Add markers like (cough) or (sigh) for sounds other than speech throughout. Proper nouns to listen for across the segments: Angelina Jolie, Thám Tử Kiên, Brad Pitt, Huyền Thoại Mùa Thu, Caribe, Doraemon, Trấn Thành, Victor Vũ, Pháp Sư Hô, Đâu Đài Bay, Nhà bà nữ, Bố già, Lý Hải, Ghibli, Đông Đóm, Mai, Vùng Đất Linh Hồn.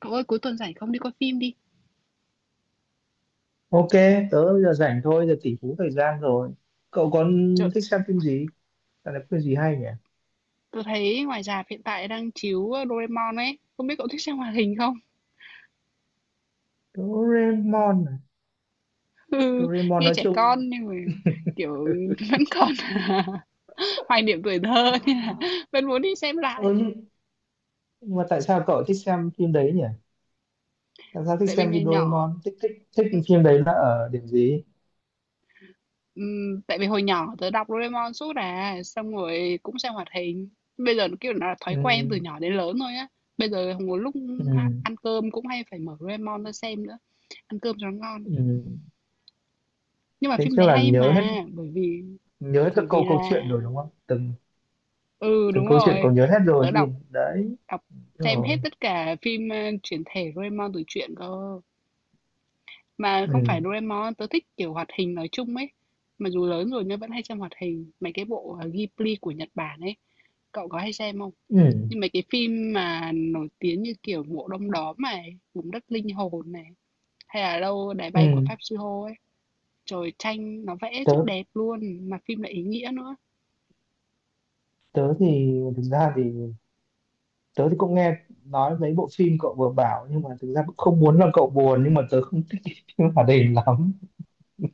Cậu ơi, cuối tuần rảnh không đi coi phim đi. Ok, tớ bây giờ rảnh thôi, giờ tỷ phú thời gian rồi. Cậu còn Trời, thích xem phim gì? Dạo này có phim gì hay nhỉ? tôi thấy ngoài rạp hiện tại đang chiếu Doraemon ấy, không biết cậu thích xem hoạt hình không? (laughs) Doraemon à? Ừ, Doraemon nghe nói trẻ con chung... nhưng mà kiểu (laughs) vẫn còn (laughs) hoài niệm tuổi thơ nên là (laughs) vẫn muốn đi xem lại. Ơ nhưng mà tại sao cậu thích xem phim đấy nhỉ? Tại sao thích Tại vì xem ngày phim nhỏ, Doraemon? Thích phim đấy là ở điểm gì? Tại vì hồi nhỏ tớ đọc Doraemon suốt à, xong rồi cũng xem hoạt hình. Bây giờ nó kiểu là thói quen Ừ, từ nhỏ đến lớn thôi á. Bây giờ một lúc ừ, ăn cơm cũng hay phải mở Doraemon ra xem nữa, ăn cơm cho nó ngon. ừ. Nhưng mà Thế phim chắc đấy là hay nhớ hết mà, nhớ hết các bởi vì câu câu chuyện là rồi đúng không? Từng ừ từng đúng câu chuyện rồi. cậu nhớ hết rồi Tớ gì? đọc Đấy, đọc xem rồi. hết tất cả phim chuyển thể Doraemon từ truyện cơ. Mà không phải Ừ, Doraemon, tớ thích kiểu hoạt hình nói chung ấy. Mà dù lớn rồi nhưng vẫn hay xem hoạt hình, mấy cái bộ Ghibli của Nhật Bản ấy. Cậu có hay xem không? ừ, Nhưng mấy cái phim mà nổi tiếng như kiểu bộ Đông Đóm này, Vùng Đất Linh Hồn này, hay là Đâu Đài Bay của ừ. Pháp Sư Hô ấy. Trời tranh nó vẽ Tớ rất đẹp luôn, mà phim lại ý nghĩa nữa. tớ thì thực ra thì tớ thì cũng nghe nói mấy bộ phim cậu vừa bảo nhưng mà thực ra cũng không muốn làm cậu buồn nhưng mà tớ không thích cái (laughs) phim hoạt hình lắm.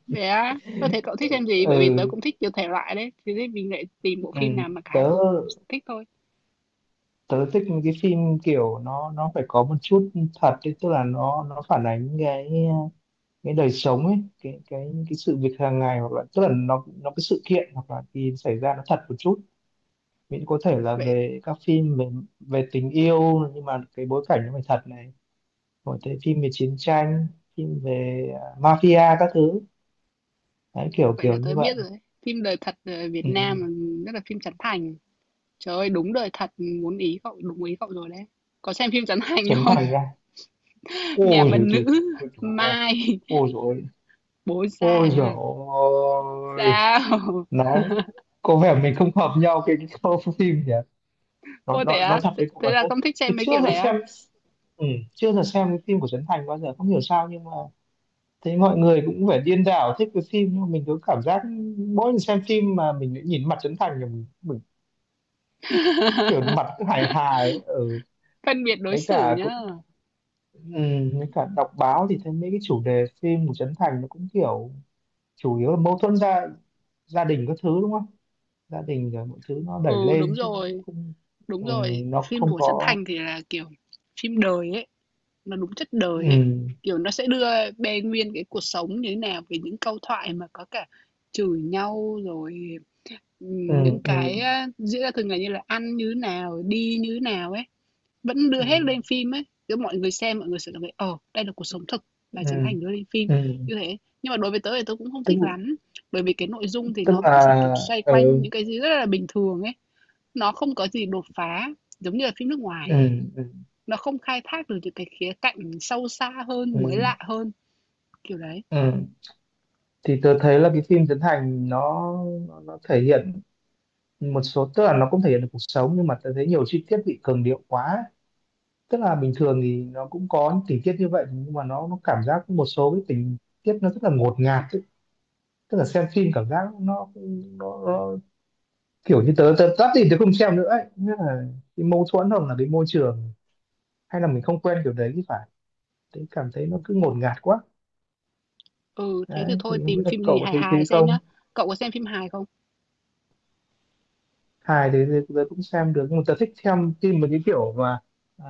Vậy á? Tôi thấy cậu thích xem gì? Bởi vì tớ Ừ, cũng thích nhiều thể loại đấy, thế thì mình lại tìm bộ ừ phim nào mà cả hai tớ cùng thích thôi. tớ thích những cái phim kiểu nó phải có một chút thật ấy, tức là nó phản ánh cái đời sống ấy, cái sự việc hàng ngày hoặc là tức là nó cái sự kiện hoặc là cái xảy ra nó thật một chút, miễn có thể là Vậy về các phim về về tình yêu nhưng mà cái bối cảnh nó phải thật này, có thể phim về chiến tranh, phim về mafia các thứ đấy, kiểu vậy là kiểu tớ như biết rồi vậy. đấy. Phim đời thật Việt Ừ. Nam, rất là phim Trấn Thành. Trời ơi, đúng đời thật, muốn ý cậu, đúng ý cậu rồi đấy. Có xem phim Trấn Thành Chấn không? Thành ra (laughs) Nhà ôi bà rồi nữ, tôi tôi Mai, ôi rồi Bố già ôi rồi à? Sao? nói có vẻ mình không hợp nhau cái câu phim nhỉ, nó Ô thế nó nó á? thật Thế với cậu thế là là tôi không thích xem tôi mấy chưa kiểu đấy được á? xem. Ừ, chưa được xem cái phim của Trấn Thành bao giờ không hiểu sao nhưng mà thấy mọi người cũng vẻ điên đảo thích cái phim nhưng mà mình cứ cảm giác mỗi lần xem phim mà mình lại nhìn mặt Trấn Thành thì mình kiểu (laughs) mặt cứ hài hài ở ừ. Phân biệt đối Mấy xử cả nhá. cũng ừ, với cả đọc báo thì thấy mấy cái chủ đề phim của Trấn Thành nó cũng kiểu chủ yếu là mâu thuẫn gia gia đình các thứ đúng không? Gia đình rồi mọi thứ nó đẩy Ừ, lên đúng chứ nó cũng rồi, không đúng ừ, rồi. nó Phim không của Trấn có Thành thì là kiểu phim đời ấy. Nó đúng chất đời ấy, ừ, kiểu, nó sẽ đưa bê nguyên cái cuộc sống như thế nào, về những câu thoại mà có cả chửi nhau rồi, ừ, ừ, những ừ, cái, a, diễn ra thường ngày như là ăn như thế nào, đi như thế nào ấy, vẫn đưa hết ừ, lên phim ấy. Kiểu, mọi người xem mọi người sẽ cảm thấy, ờ, đây là cuộc sống thực và Trấn ừ, Thành đưa lên phim, ừ. như thế. Nhưng mà đối với tớ thì tớ cũng không tức thích lắm, bởi vì cái nội dung thì tức nó là vẫn chỉ, kiểu, xoay ừ, quanh những cái gì rất là bình thường ấy, nó không có gì đột phá giống như là phim nước ngoài. ừ, ừ, Nó không khai thác được những cái khía cạnh sâu xa hơn, mới ừ, lạ hơn, kiểu đấy. ừ. Thì tôi thấy là cái phim Trấn Thành nó thể hiện một số tức là nó cũng thể hiện được cuộc sống nhưng mà tôi thấy nhiều chi tiết bị cường điệu quá, tức là bình thường thì nó cũng có những tình tiết như vậy nhưng mà nó cảm giác một số cái tình tiết nó rất là ngột ngạt tức là xem phim cảm giác nó kiểu như tớ tớ tắt thì tớ không xem nữa ấy, nghĩa là cái mâu thuẫn hoặc là cái môi trường hay là mình không quen kiểu đấy thì phải, tớ cảm thấy nó cứ ngột ngạt quá. Ừ, thế thì Đấy thì thôi không biết tìm là phim gì cậu có hài thấy hài thế xem nhá. không? Cậu có xem phim hài không? Hài thì tớ tớ cũng xem được nhưng mà tớ thích xem phim một cái kiểu mà à,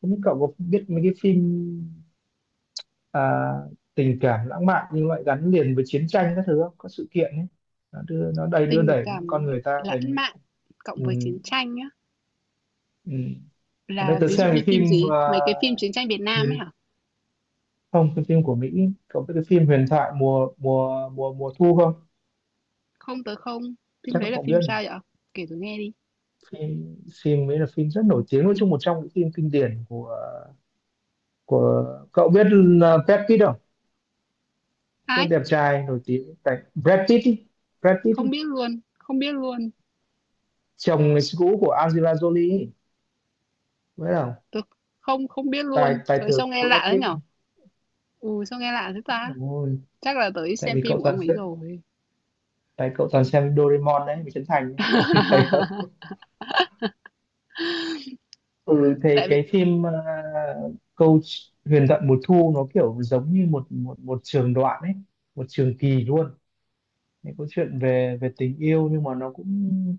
không biết cậu có biết mấy cái phim à, tình cảm lãng mạn như vậy gắn liền với chiến tranh các thứ không? Có sự kiện ấy nó đưa nó đầy đưa Tình đẩy cảm con người ta lãng thành mạn cộng ừ, với chiến tranh nhá. ừ. Ở đây Là tớ ví dụ xem như cái phim phim gì? Mấy cái phim chiến tranh Việt Nam ấy huyền hả? không cái phim của Mỹ, có cái phim Huyền Thoại mùa mùa mùa mùa Thu không? Không tới không. Phim Chắc là đấy là không phim biết. sao vậy? Kể tôi nghe đi. Phim phim ấy là phim rất nổi tiếng, nói chung một trong những phim kinh điển của cậu, biết là Brad Pitt không? Rất Ai? đẹp trai nổi tiếng tại Brad Pitt ý. Brad Pitt Không ý. biết luôn. Không biết luôn. Chồng người cũ của Angelina Jolie ấy. Biết không? Tôi không không biết Tài luôn. tài Trời tử sao nghe Brad lạ thế Pitt. nhở? Ừ sao nghe lạ thế ta? Ôi, Chắc là tới tại xem vì phim cậu của ông toàn ấy xem, rồi. tại cậu toàn xem Doraemon đấy với Trấn Thành đấy. Cậu (laughs) thấy không? (laughs) Ừ thì Tại vì cái phim câu Huyền Thoại Mùa Thu nó kiểu giống như một một một trường đoạn ấy, một trường kỳ luôn, những câu chuyện về về tình yêu nhưng mà nó cũng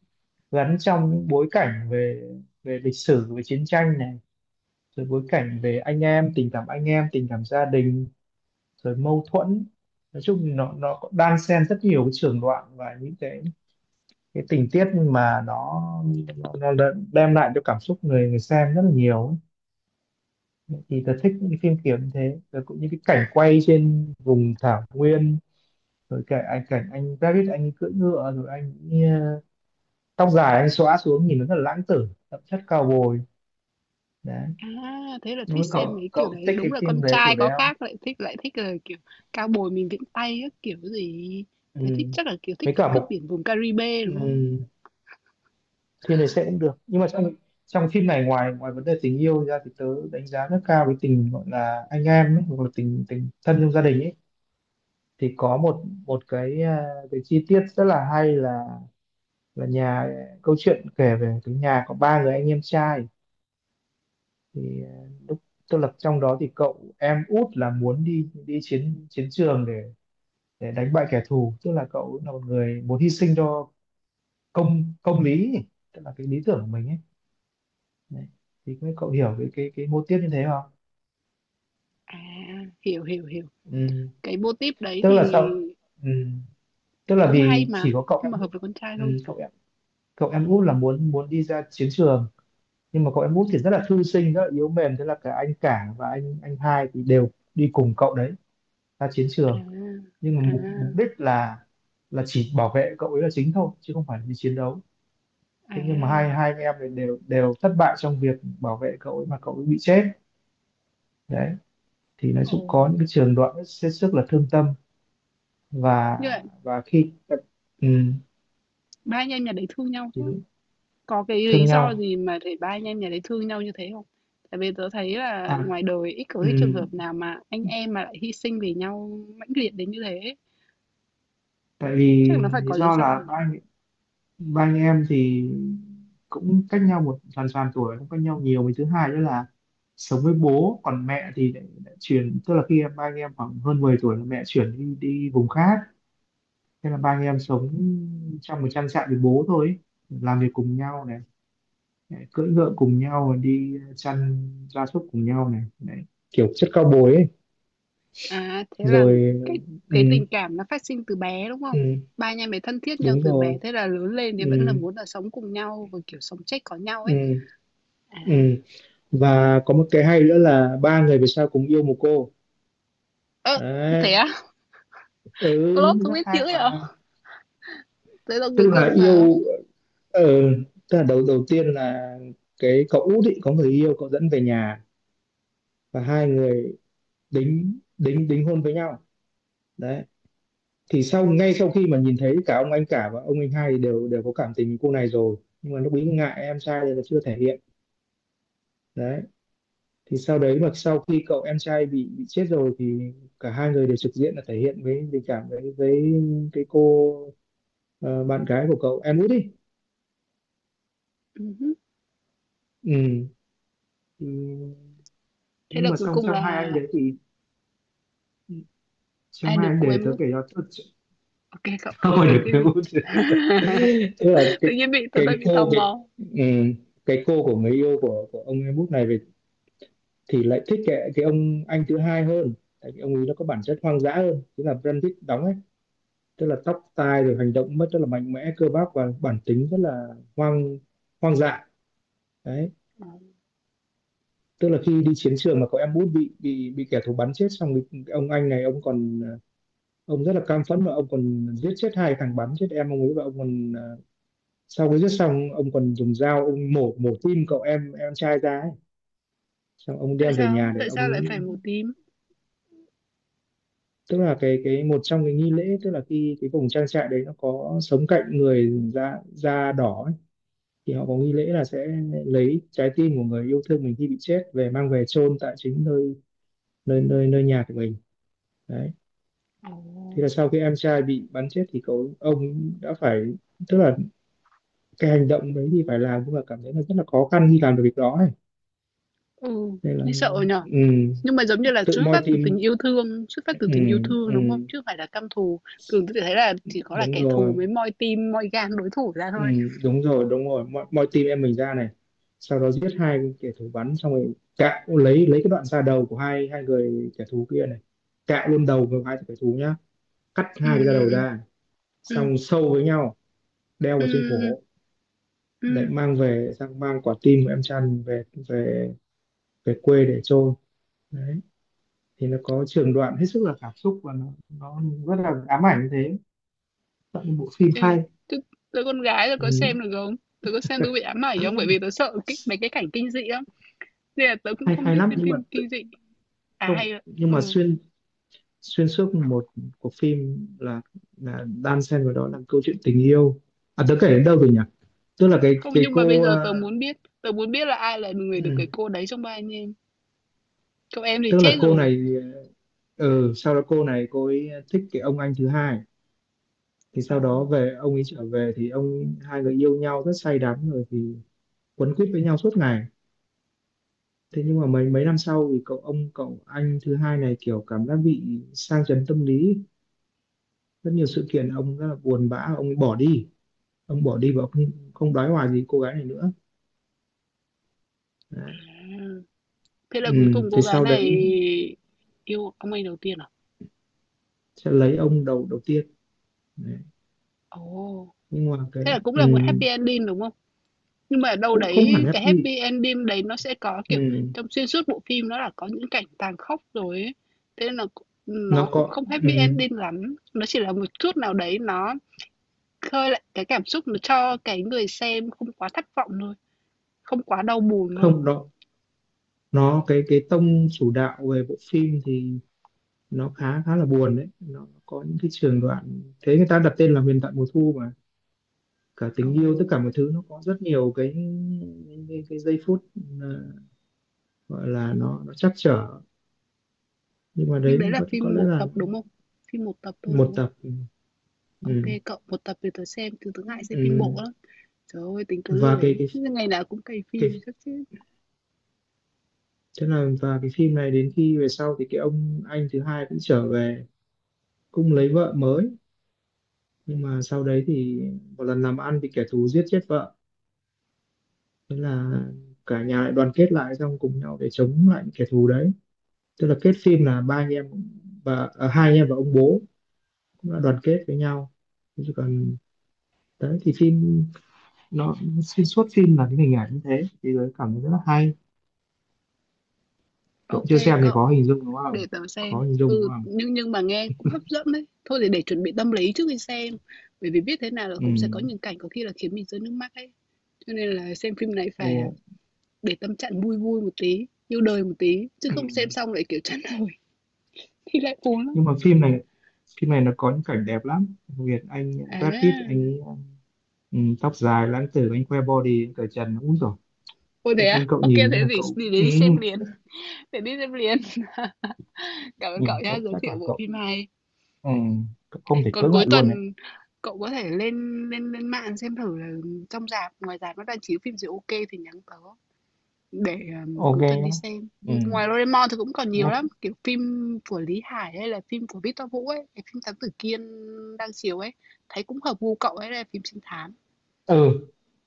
gắn trong những bối cảnh về về lịch sử, về chiến tranh này, rồi bối cảnh về anh em, tình cảm anh em, tình cảm gia đình, rồi mâu thuẫn. Nói chung nó có đan xen rất nhiều cái trường đoạn và những cái tình tiết mà nó đã đem lại cho cảm xúc người người xem rất là nhiều ấy. Thì tớ thích những cái phim kiểu như thế, rồi cũng như cái cảnh quay trên vùng thảo nguyên, rồi cảnh anh David anh cưỡi ngựa rồi anh tóc dài anh xõa xuống nhìn nó rất là lãng tử đậm chất cao bồi. Đấy, À, thế là thích đúng xem cậu mấy kiểu cậu đấy, thích đúng cái là phim con đấy trai kiểu đấy có không? khác lại thích là kiểu cao bồi mình viễn tay các kiểu gì. Ừ, Thế thích chắc là kiểu thích với kiểu cả cướp một biển vùng Caribe ừ, đúng không? phim này sẽ cũng được nhưng mà trong trong phim này ngoài ngoài vấn đề tình yêu ra thì tớ đánh giá rất cao cái tình gọi là anh em ấy, hoặc là tình tình thân trong gia đình ấy, thì có một một cái cái chi tiết rất là hay là nhà câu chuyện kể về cái nhà có ba người anh em trai, thì lúc tức là trong đó thì cậu em út là muốn đi đi chiến chiến trường để đánh bại kẻ thù, tức là cậu là một người muốn hy sinh cho công công lý, tức là cái lý tưởng của mình ấy. Đấy, thì không biết cậu hiểu cái mô tiếp như thế không? À, hiểu hiểu hiểu. Ừm, Cái mô típ đấy Tức là thì sao? Ừm, Tức là cũng hay vì chỉ mà, có cậu nhưng mà em hợp út, với con trai ừm, hơn. Cậu em út là muốn muốn đi ra chiến trường nhưng mà cậu em út thì rất là thư sinh, rất là yếu mềm, thế là cả anh cả và anh hai thì đều đi cùng cậu đấy ra chiến À, trường, nhưng mà à, mục mục đích là chỉ bảo vệ cậu ấy là chính thôi chứ không phải là đi chiến đấu. Thế nhưng mà hai à. hai anh em này đều đều thất bại trong việc bảo vệ cậu ấy mà cậu ấy bị chết. Đấy thì nói Ồ. chung có những cái trường đoạn hết sức là thương tâm, và Như vậy và khi ừm, ba anh em nhà đấy thương nhau chứ. Có cái lý thương do nhau gì mà để ba anh em nhà đấy thương nhau như thế không? Tại vì tớ thấy à là ngoài đời ít có cái trường hợp ừm, nào mà anh em mà lại hy sinh vì nhau mãnh liệt đến như thế ấy. tại vì Chắc nó phải lý có lý do do là nhỉ? ba anh em thì cũng cách nhau một hoàn toàn tuổi cũng cách nhau nhiều, với thứ hai nữa là sống với bố còn mẹ thì lại chuyển, tức là khi em ba anh em khoảng hơn 10 tuổi là mẹ chuyển đi đi vùng khác, thế là ba anh em sống trong một trang trại với bố thôi ấy. Làm việc cùng nhau này, lại cưỡi ngựa cùng nhau đi chăn gia súc cùng nhau này đấy, kiểu chất cao bồi ấy, À thế là rồi cái ừ, cái tình cảm nó phát sinh từ bé đúng không? ừ, Ba anh em ấy thân thiết nhau đúng từ bé rồi thế là lớn lên thì vẫn là ừ, muốn là sống cùng nhau và kiểu sống chết có nhau ấy. ừ, ừ. À Và có một cái hay nữa là ba người về sau cùng yêu một cô. ơ Đấy, thế á? Plot ừ không rất biết dữ hay vậy? mà. Thế là cuối Tức cùng là sao? yêu ờ, tức là đầu đầu tiên là cái cậu út ý, có người yêu cậu dẫn về nhà và hai người đính đính đính hôn với nhau. Đấy, thì sau ngay sau khi mà nhìn thấy cả ông anh cả và ông anh hai thì đều đều có cảm tình với cô này rồi nhưng mà lúc ấy ngại em trai nên là chưa thể hiện. Đấy, thì sau đấy mà sau khi cậu em trai bị chết rồi thì cả hai người đều trực diện là thể hiện với tình cảm với cái cô bạn gái của cậu em út đi. Ừ hứ. Ừ. Ừ. Thế Nhưng là mà cuối xong cùng trong hai là anh đấy thì trong ai hai được anh của để em tớ út? kể cho tớ (laughs) Ok cậu tớ cậu ý hỏi kể được thế em đi. út (laughs) (laughs) tức là Tự nhiên bị tớ tại cái bị tò cô cái mò. ừ, cái cô của người yêu của ông em út này về thì lại thích cái ông anh thứ hai hơn, tại vì ông ấy nó có bản chất hoang dã hơn, tức là Brad Pitt đóng, tức là tóc tai rồi hành động mất rất là mạnh mẽ cơ bắp và bản tính rất là hoang hoang dại. Đấy, Ờ, tức là khi đi chiến trường mà có em út bị kẻ thù bắn chết xong thì ông anh này ông còn ông rất là cam phẫn và ông còn giết chết hai thằng bắn chết em ông ấy và ông còn sau khi giết xong ông còn dùng dao ông mổ mổ tim cậu em trai ra ấy. Xong ông tại đem về sao nhà để tại ông, sao lại phải màu tím. tức là cái một trong cái nghi lễ, tức là khi cái vùng trang trại đấy nó có sống cạnh người da da đỏ thì họ có nghi lễ là sẽ lấy trái tim của người yêu thương mình khi bị chết về, mang về chôn tại chính nơi nơi nơi nơi nhà của mình, đấy. Ồ. Thế là sau khi em trai bị bắn chết thì cậu ông đã phải, tức là cái hành động đấy thì phải làm nhưng mà cảm thấy là rất là khó khăn khi làm được việc đó ấy. Ừ Nên là nghe sợ nhở, ừ, nhưng mà giống như là tự xuất moi phát từ tình tim. yêu thương xuất phát từ tình yêu Ừ, thương đúng không ừ, chứ không phải là căm thù. Thường tôi thấy là chỉ có là đúng kẻ thù rồi. mới moi tim moi gan đối thủ ra Ừ, thôi. đúng rồi, đúng rồi, mọi, mọi team em mình ra này, sau đó giết hai kẻ thù bắn xong rồi, cạo lấy cái đoạn da đầu của hai hai người kẻ thù kia này, cạo luôn đầu của hai kẻ thù nhá, cắt Ừ. hai cái da đầu Ừ. ra, Ừ. xong sâu với nhau, đeo Ừ. vào trên Ừ. cổ để Ừ. mang về, sang mang quả tim của em Trăn về, về, về quê để chôn, đấy. Thì nó có trường đoạn hết sức là cảm xúc và nó rất là ám ảnh thế, tận bộ phim Ừ. hay. Chứ tớ con gái tớ có Ừ. xem được không, tớ có xem tớ bị ám ảnh không, bởi vì tớ (clears throat) sợ cái, mấy cái cảnh kinh dị lắm nên là tớ cũng Hay không hay thích lắm xem nhưng mà phim kinh dị. À không, hay ạ. nhưng mà Ừ. xuyên xuyên suốt một cuộc phim là đan xen vào đó là câu chuyện tình yêu. À, tớ kể đến đâu rồi nhỉ? Tức là cái Không, cái nhưng mà bây cô, giờ tớ muốn biết là ai là người được cái ừ, cô đấy trong ba anh em. Cậu em thì tức chết là cô rồi. này, ừ, sau đó cô này, cô ấy thích cái ông anh thứ hai, thì sau đó Ồ. về ông ấy trở về thì ông, hai người yêu nhau rất say đắm rồi thì quấn quýt với nhau suốt ngày. Thế nhưng mà mấy mấy năm sau thì cậu ông, cậu anh thứ hai này kiểu cảm giác bị sang chấn tâm lý, rất nhiều sự kiện ông rất là buồn bã, ông ấy bỏ đi, ông bỏ đi và ông không không đoái hoài gì cô gái này nữa, đấy. À. Thế là cuối Ừ. cùng cô Thì gái sau đấy này yêu ông anh đầu tiên à? sẽ lấy ông đầu đầu tiên, đấy. Ồ. Nhưng mà cái Thế là cũng ừ. là một happy ending đúng không? Nhưng mà ở đâu Cũng không đấy hẳn cái happy. happy ending đấy nó sẽ có kiểu Ừ. trong xuyên suốt bộ phim nó là có những cảnh tàn khốc rồi ấy. Thế nên là nó Nó cũng có không happy ừ. ending lắm. Nó chỉ là một chút nào đấy nó khơi lại cái cảm xúc nó cho cái người xem không quá thất vọng thôi, không quá đau buồn thôi. Không đó, nó cái tông chủ đạo về bộ phim thì nó khá khá là buồn đấy, nó có những cái trường đoạn, thế người ta đặt tên là huyền thoại mùa thu mà, cả Ồ, tình yêu tất cả mọi thứ nó có rất nhiều cái, cái giây phút ờ, gọi là nó trắc trở, nhưng mà nhưng đấy đấy cũng là có phim lẽ một là tập, đúng không? Phim một tập thôi, đúng một không? tập. OK Ừ, cậu, một tập thì tớ xem, tớ tớ ngại xem phim bộ ừ. lắm. Trời ơi, tính tớ Và lười cái ấy. cái Chứ ngày nào cũng cày cái phim chắc chứ. thế là, và cái phim này đến khi về sau thì cái ông anh thứ hai cũng trở về, cũng lấy vợ mới, nhưng mà sau đấy thì một lần làm ăn thì kẻ thù giết chết vợ, thế là cả nhà lại đoàn kết lại, xong cùng nhau để chống lại kẻ thù đấy. Tức là kết phim là ba anh em và à, hai anh em và ông bố cũng đã đoàn kết với nhau. Thế chứ còn đấy thì phim nó, xuyên suốt phim là cái hình ảnh như thế thì tôi cảm thấy rất là hay. Cậu OK chưa xem thì có cậu, hình dung đúng để không, tớ có xem. hình dung đúng Ừ, không? nhưng mà nghe cũng hấp dẫn đấy. Thôi thì để chuẩn bị tâm lý trước khi xem. Bởi vì biết thế nào là Ừ. cũng sẽ có những cảnh có khi là khiến mình rơi nước mắt ấy. Cho nên là xem phim này Ồ. phải là để tâm trạng vui vui một tí, yêu đời một tí. Chứ Ừ. không xem xong lại kiểu chán nổi (laughs) thì lại buồn lắm. Nhưng mà phim này, phim này nó có những cảnh đẹp lắm, đặc biệt anh À, Brad Pitt anh ấy, ừ, tóc dài lãng tử, anh khoe body, anh cởi trần úi rồi, Ôi chắc thế á? chắn cậu Ô thế nhìn thì thế là cậu để ừ, đi xem liền, để đi xem liền. (laughs) Cảm ơn nhìn cậu nhá, cậu giới chắc là thiệu bộ cậu phim hay. ừ, cậu không thể Còn cưỡng cuối lại luôn đấy. tuần cậu có thể lên lên lên mạng xem thử là trong rạp, ngoài rạp nó đang chiếu phim gì ok thì nhắn tớ để Ok cuối tuần đi nhá. xem. Ừ, Ừ, ngoài Doraemon thì cũng còn nhiều nhắc. lắm, kiểu phim của Lý Hải hay là phim của Victor Vũ ấy, cái phim Thám Tử Kiên đang chiếu ấy, thấy cũng hợp gu cậu ấy là phim trinh thám. Ừ,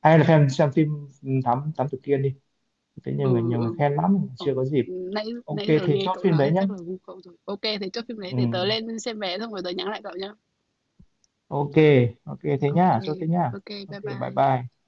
ai là fan xem phim thám thám tử Kiên đi, thế nhiều người Ừ nhiều người ừ. khen lắm, chưa Ồ, có dịp. nãy Ok, nãy giờ thế nghe chốt cậu phim nói đấy thì nhá. chắc là gu cậu rồi. Ok, thì chốt phim đấy Ừ. để tớ lên xem vé xong rồi tớ nhắn lại cậu nhá. Ok. Ok thế Ok, nhá, chốt thế nhá. ok, Ok bye bye bye. bye.